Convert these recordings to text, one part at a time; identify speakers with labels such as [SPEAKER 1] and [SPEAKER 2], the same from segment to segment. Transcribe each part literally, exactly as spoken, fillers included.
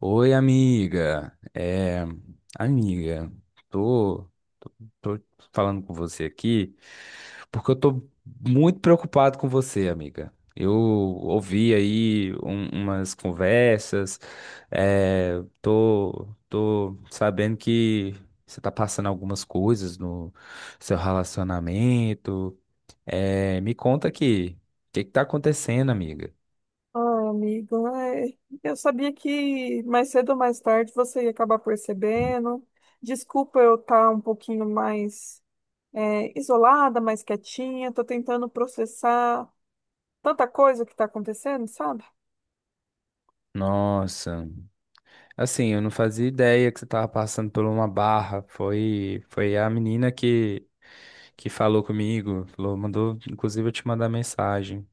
[SPEAKER 1] Oi, amiga. É, amiga, tô, tô falando com você aqui porque eu tô muito preocupado com você, amiga. Eu ouvi aí um- umas conversas, é, tô, tô sabendo que você tá passando algumas coisas no seu relacionamento. É, me conta aqui, o que que tá acontecendo, amiga?
[SPEAKER 2] Ah, amigo, é, eu sabia que mais cedo ou mais tarde você ia acabar percebendo. Desculpa eu estar um pouquinho mais é, isolada, mais quietinha. Tô tentando processar tanta coisa que está acontecendo, sabe?
[SPEAKER 1] Nossa. Assim, eu não fazia ideia que você tava passando por uma barra. Foi, foi a menina que, que falou comigo, falou, mandou, inclusive, eu te mandar mensagem.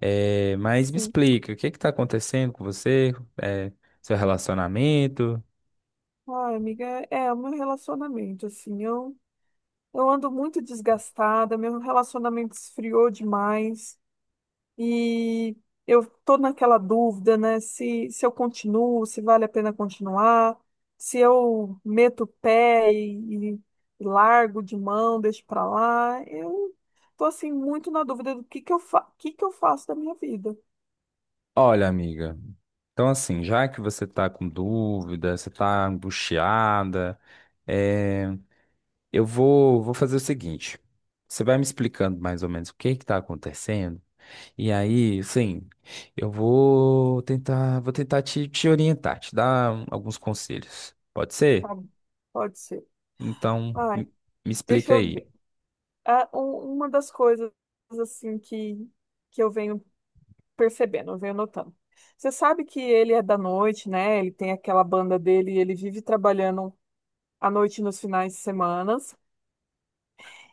[SPEAKER 1] É, mas me
[SPEAKER 2] Sim.
[SPEAKER 1] explica, o que que tá acontecendo com você? É, seu relacionamento?
[SPEAKER 2] Ai, amiga, é, é o meu relacionamento, assim. Eu, eu ando muito desgastada, meu relacionamento esfriou demais. E eu estou naquela dúvida, né? Se, se eu continuo, se vale a pena continuar, se eu meto o pé e, e largo de mão, deixo para lá. Eu estou assim muito na dúvida do que que eu fa que que eu faço da minha vida.
[SPEAKER 1] Olha, amiga, então assim, já que você tá com dúvida, você tá angustiada, é, eu vou, vou fazer o seguinte. Você vai me explicando mais ou menos o que que tá acontecendo? E aí, assim, eu vou tentar, vou tentar te, te orientar, te dar um- alguns conselhos. Pode
[SPEAKER 2] Tá
[SPEAKER 1] ser?
[SPEAKER 2] bom, pode ser.
[SPEAKER 1] Então, m-
[SPEAKER 2] Ai,
[SPEAKER 1] me
[SPEAKER 2] deixa
[SPEAKER 1] explica
[SPEAKER 2] eu
[SPEAKER 1] aí.
[SPEAKER 2] ver. Ah, um- uma das coisas assim que que eu venho percebendo, eu venho notando. Você sabe que ele é da noite, né? Ele tem aquela banda dele e ele vive trabalhando à noite nos finais de semanas.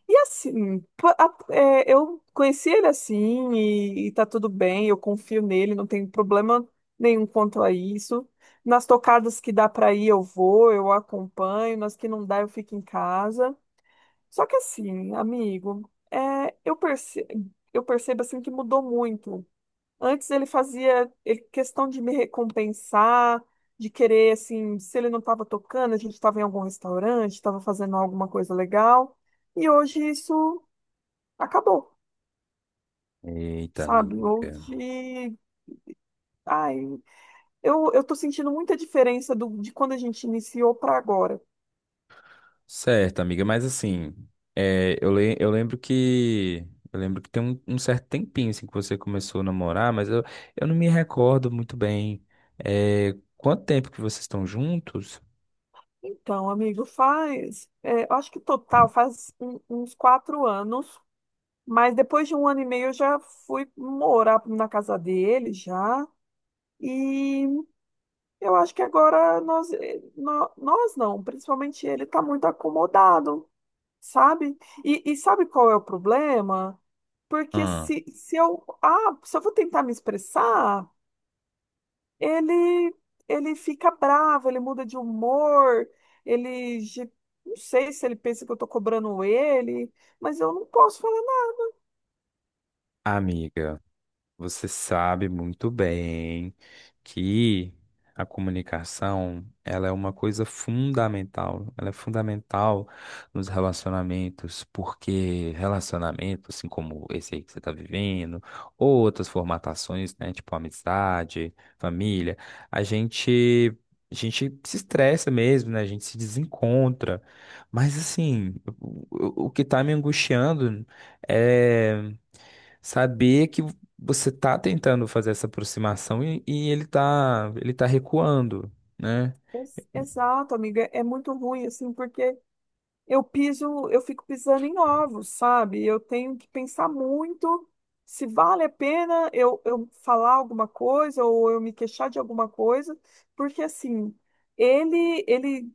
[SPEAKER 2] E assim, pa- a- é, eu conheci ele assim e, e tá tudo bem, eu confio nele, não tenho problema nenhum quanto a isso. Nas tocadas que dá pra ir, eu vou, eu acompanho, nas que não dá, eu fico em casa. Só que assim, amigo, é, eu percebo eu percebo assim que mudou muito. Antes ele fazia ele- questão de me recompensar, de querer, assim, se ele não estava tocando, a gente estava em algum restaurante, estava fazendo alguma coisa legal. E hoje isso acabou,
[SPEAKER 1] Eita,
[SPEAKER 2] sabe?
[SPEAKER 1] amiga.
[SPEAKER 2] Hoje, ai, eu, eu tô sentindo muita diferença do, de quando a gente iniciou para agora.
[SPEAKER 1] Certo, amiga, mas assim, é, eu, le- eu lembro que. Eu lembro que tem um, um certo tempinho assim, que você começou a namorar, mas eu, eu não me recordo muito bem. É, quanto tempo que vocês estão juntos?
[SPEAKER 2] Então, amigo, faz, é, eu acho que total faz um- uns quatro anos, mas depois de um ano e meio eu já fui morar na casa dele já. E eu acho que agora nós, eh, nó- nós não, principalmente ele está muito acomodado, sabe? E, e sabe qual é o problema? Porque
[SPEAKER 1] Ah,
[SPEAKER 2] se, se eu, ah, se eu vou tentar me expressar, ele ele fica bravo, ele muda de humor, ele ge- não sei se ele pensa que eu estou cobrando ele, mas eu não posso falar nada.
[SPEAKER 1] amiga. Você sabe muito bem que a comunicação, ela é uma coisa fundamental. Ela é fundamental nos relacionamentos, porque relacionamentos, assim como esse aí que você está vivendo, ou outras formatações, né, tipo amizade, família, a gente a gente se estressa mesmo, né? A gente se desencontra. Mas assim, o, o o que está me angustiando é saber que você tá tentando fazer essa aproximação e, e ele tá, ele tá recuando, né?
[SPEAKER 2] Ex- Exato, amiga, é muito ruim assim, porque eu piso, eu fico pisando em ovos, sabe? Eu tenho que pensar muito se vale a pena eu, eu falar alguma coisa ou eu me queixar de alguma coisa, porque assim, ele ele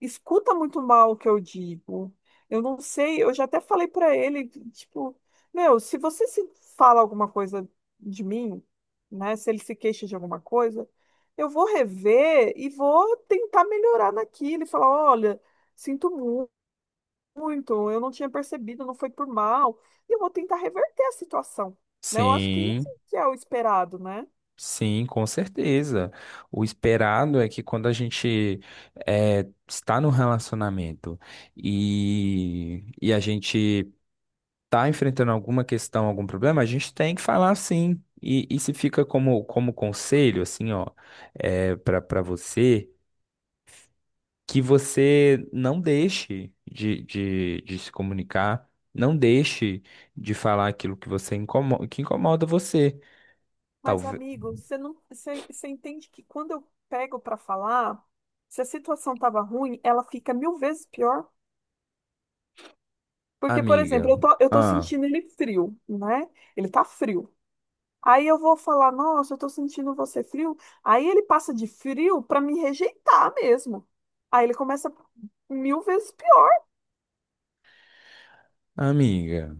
[SPEAKER 2] escuta muito mal o que eu digo. Eu não sei, eu já até falei pra ele, tipo, meu, se você se fala alguma coisa de mim, né? Se ele se queixa de alguma coisa, eu vou rever e vou tentar melhorar naquilo e falar, olha, sinto muito, eu não tinha percebido, não foi por mal. E eu vou tentar reverter a situação, né? Eu acho que isso
[SPEAKER 1] Sim,
[SPEAKER 2] que é o esperado, né?
[SPEAKER 1] sim, com certeza. O esperado é que quando a gente é, está num relacionamento e, e a gente está enfrentando alguma questão, algum problema, a gente tem que falar sim. E, e se fica como, como conselho, assim, ó, é, para para você. Que você não deixe de, de, de se comunicar, não deixe de falar aquilo que você incomoda, que incomoda você.
[SPEAKER 2] Mas,
[SPEAKER 1] Talvez,
[SPEAKER 2] amigo, você não, você, você entende que quando eu pego para falar, se a situação tava ruim, ela fica mil vezes pior. Porque, por exemplo,
[SPEAKER 1] amiga,
[SPEAKER 2] eu tô, eu tô
[SPEAKER 1] ah,
[SPEAKER 2] sentindo ele frio, né? Ele tá frio. Aí eu vou falar, nossa, eu tô sentindo você frio. Aí ele passa de frio para me rejeitar mesmo. Aí ele começa mil vezes pior.
[SPEAKER 1] amiga,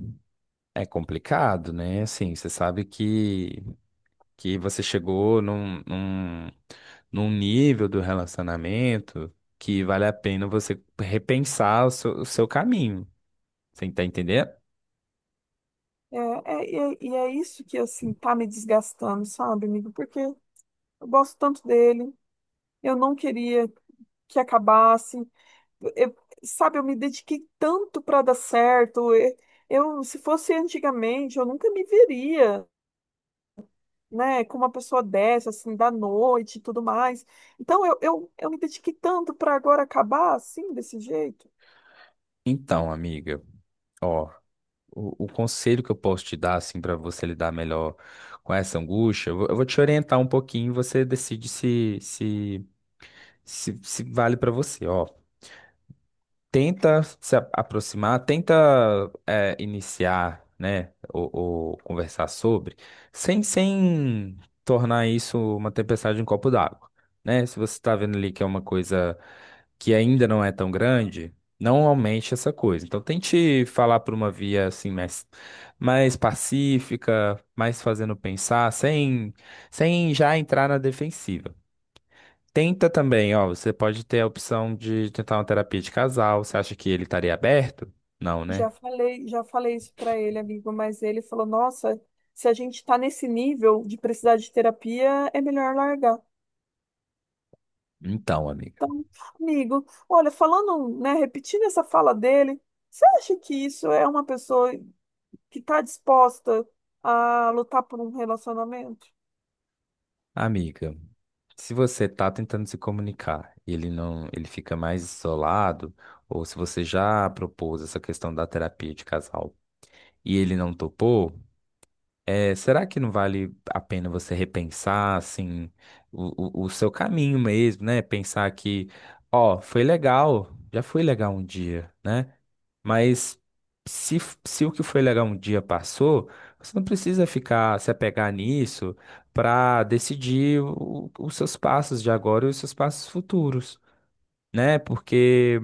[SPEAKER 1] é complicado, né? Assim, você sabe que que você chegou num, num, num nível do relacionamento que vale a pena você repensar o seu, o seu caminho. Você tá entendendo?
[SPEAKER 2] É, é, e é, e é isso que, assim, tá me desgastando, sabe, amigo? Porque eu gosto tanto dele, eu não queria que acabasse. Eu- sabe, eu me dediquei tanto para dar certo. Eu, eu, se fosse antigamente, eu nunca me veria, né, com uma pessoa dessa, assim, da noite e tudo mais. Então, eu, eu, eu me dediquei tanto para agora acabar, assim, desse jeito.
[SPEAKER 1] Então, amiga, ó. O, o conselho que eu posso te dar, assim, para você lidar melhor com essa angústia, eu vou, eu vou te orientar um pouquinho e você decide se, se, se, se vale para você. Ó, tenta se a- aproximar, tenta é, iniciar, né, ou, ou conversar sobre, sem, sem tornar isso uma tempestade em um copo d'água, né? Se você está vendo ali que é uma coisa que ainda não é tão grande, não aumente essa coisa. Então tente falar por uma via assim mais, mais pacífica, mais fazendo pensar, sem, sem já entrar na defensiva. Tenta também, ó, você pode ter a opção de tentar uma terapia de casal. Você acha que ele estaria aberto? Não,
[SPEAKER 2] Já
[SPEAKER 1] né?
[SPEAKER 2] falei, já falei isso para ele, amigo, mas ele falou: Nossa, se a gente tá nesse nível de precisar de terapia, é melhor largar.
[SPEAKER 1] Então, amiga.
[SPEAKER 2] Então, amigo, olha, falando, né, repetindo essa fala dele, você acha que isso é uma pessoa que tá disposta a lutar por um relacionamento?
[SPEAKER 1] Amiga, se você tá tentando se comunicar e ele não, ele fica mais isolado, ou se você já propôs essa questão da terapia de casal e ele não topou, é, será que não vale a pena você repensar, assim, o, o, o seu caminho mesmo, né? Pensar que, ó, foi legal, já foi legal um dia, né? Mas se, f- se o que foi legal um dia passou, você não precisa ficar se apegar nisso para decidir o- os seus passos de agora e os seus passos futuros, né? Porque,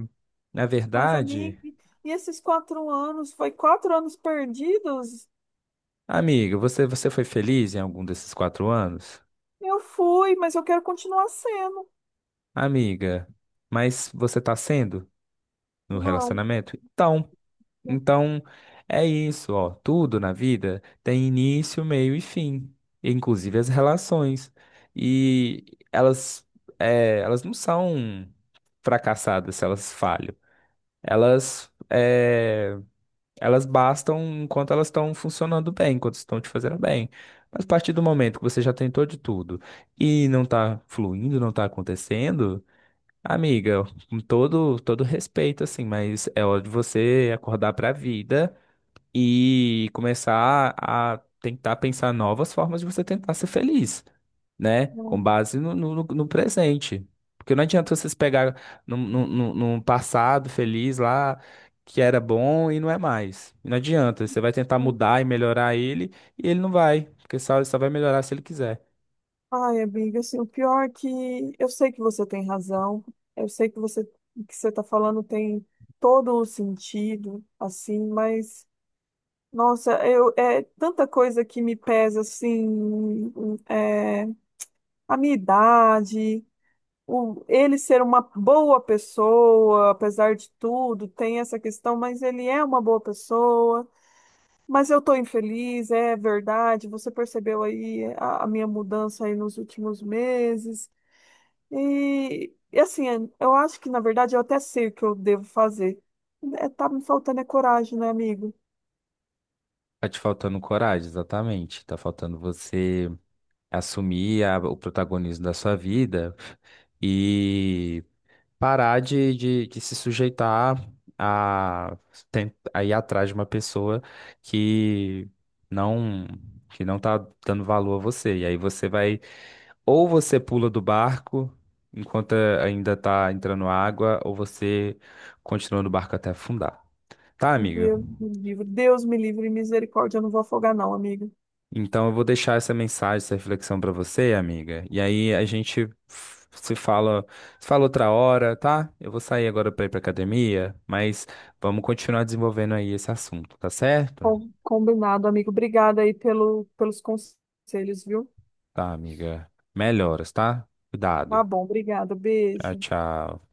[SPEAKER 1] na
[SPEAKER 2] Mas,
[SPEAKER 1] verdade,
[SPEAKER 2] amigo, e esses quatro anos, foi quatro anos perdidos?
[SPEAKER 1] amiga, você, você foi feliz em algum desses quatro anos?
[SPEAKER 2] Eu fui, mas eu quero continuar sendo.
[SPEAKER 1] Amiga, mas você está sendo no
[SPEAKER 2] Não,
[SPEAKER 1] relacionamento? Então.
[SPEAKER 2] não,
[SPEAKER 1] Então, é isso, ó. Tudo na vida tem início, meio e fim, inclusive as relações. E elas, é, elas não são fracassadas se elas falham. Elas, é, elas bastam enquanto elas estão funcionando bem, enquanto estão te fazendo bem. Mas a partir do momento que você já tentou de tudo e não tá fluindo, não tá acontecendo, amiga, com todo, todo respeito, assim, mas é hora de você acordar pra vida e começar a tentar pensar novas formas de você tentar ser feliz, né?
[SPEAKER 2] não.
[SPEAKER 1] Com base no, no, no- no presente. Porque não adianta vocês pegar num, num, num- num passado feliz lá que era bom e não é mais. Não adianta. Você vai tentar mudar e melhorar ele e ele não vai. Porque só, ele só vai melhorar se ele quiser.
[SPEAKER 2] Ai, amiga, assim, o pior é que eu sei que você tem razão, eu sei que você que você está falando tem todo o sentido, assim, mas nossa, eu é tanta coisa que me pesa assim, é, a minha idade, o, ele ser uma boa pessoa, apesar de tudo, tem essa questão, mas ele é uma boa pessoa. Mas eu estou infeliz, é verdade. Você percebeu aí a, a minha mudança aí nos últimos meses. E, e assim, eu acho que na verdade eu até sei o que eu devo fazer. É, tá me faltando é coragem, né, amigo?
[SPEAKER 1] Tá te faltando coragem, exatamente. Tá faltando você assumir a- o protagonismo da sua vida e parar de, de, de se sujeitar a, ten- a ir atrás de uma pessoa que não que não tá dando valor a você. E aí você vai, ou você pula do barco enquanto ainda tá entrando água, ou você continua no barco até afundar. Tá,
[SPEAKER 2] Um
[SPEAKER 1] amigo?
[SPEAKER 2] Deus me livre, Deus me livre, misericórdia, eu não vou afogar não, amigo.
[SPEAKER 1] Então, eu vou deixar essa mensagem, essa reflexão para você, amiga. E aí a gente f- se fala, se fala outra hora, tá? Eu vou sair agora para ir para academia, mas vamos continuar desenvolvendo aí esse assunto, tá certo?
[SPEAKER 2] Com- Combinado, amigo. Obrigada aí pelo, pelos conselhos, viu?
[SPEAKER 1] Tá, amiga. Melhoras, tá?
[SPEAKER 2] Tá
[SPEAKER 1] Cuidado.
[SPEAKER 2] bom, obrigada.
[SPEAKER 1] Tchau,
[SPEAKER 2] Beijo.
[SPEAKER 1] tchau.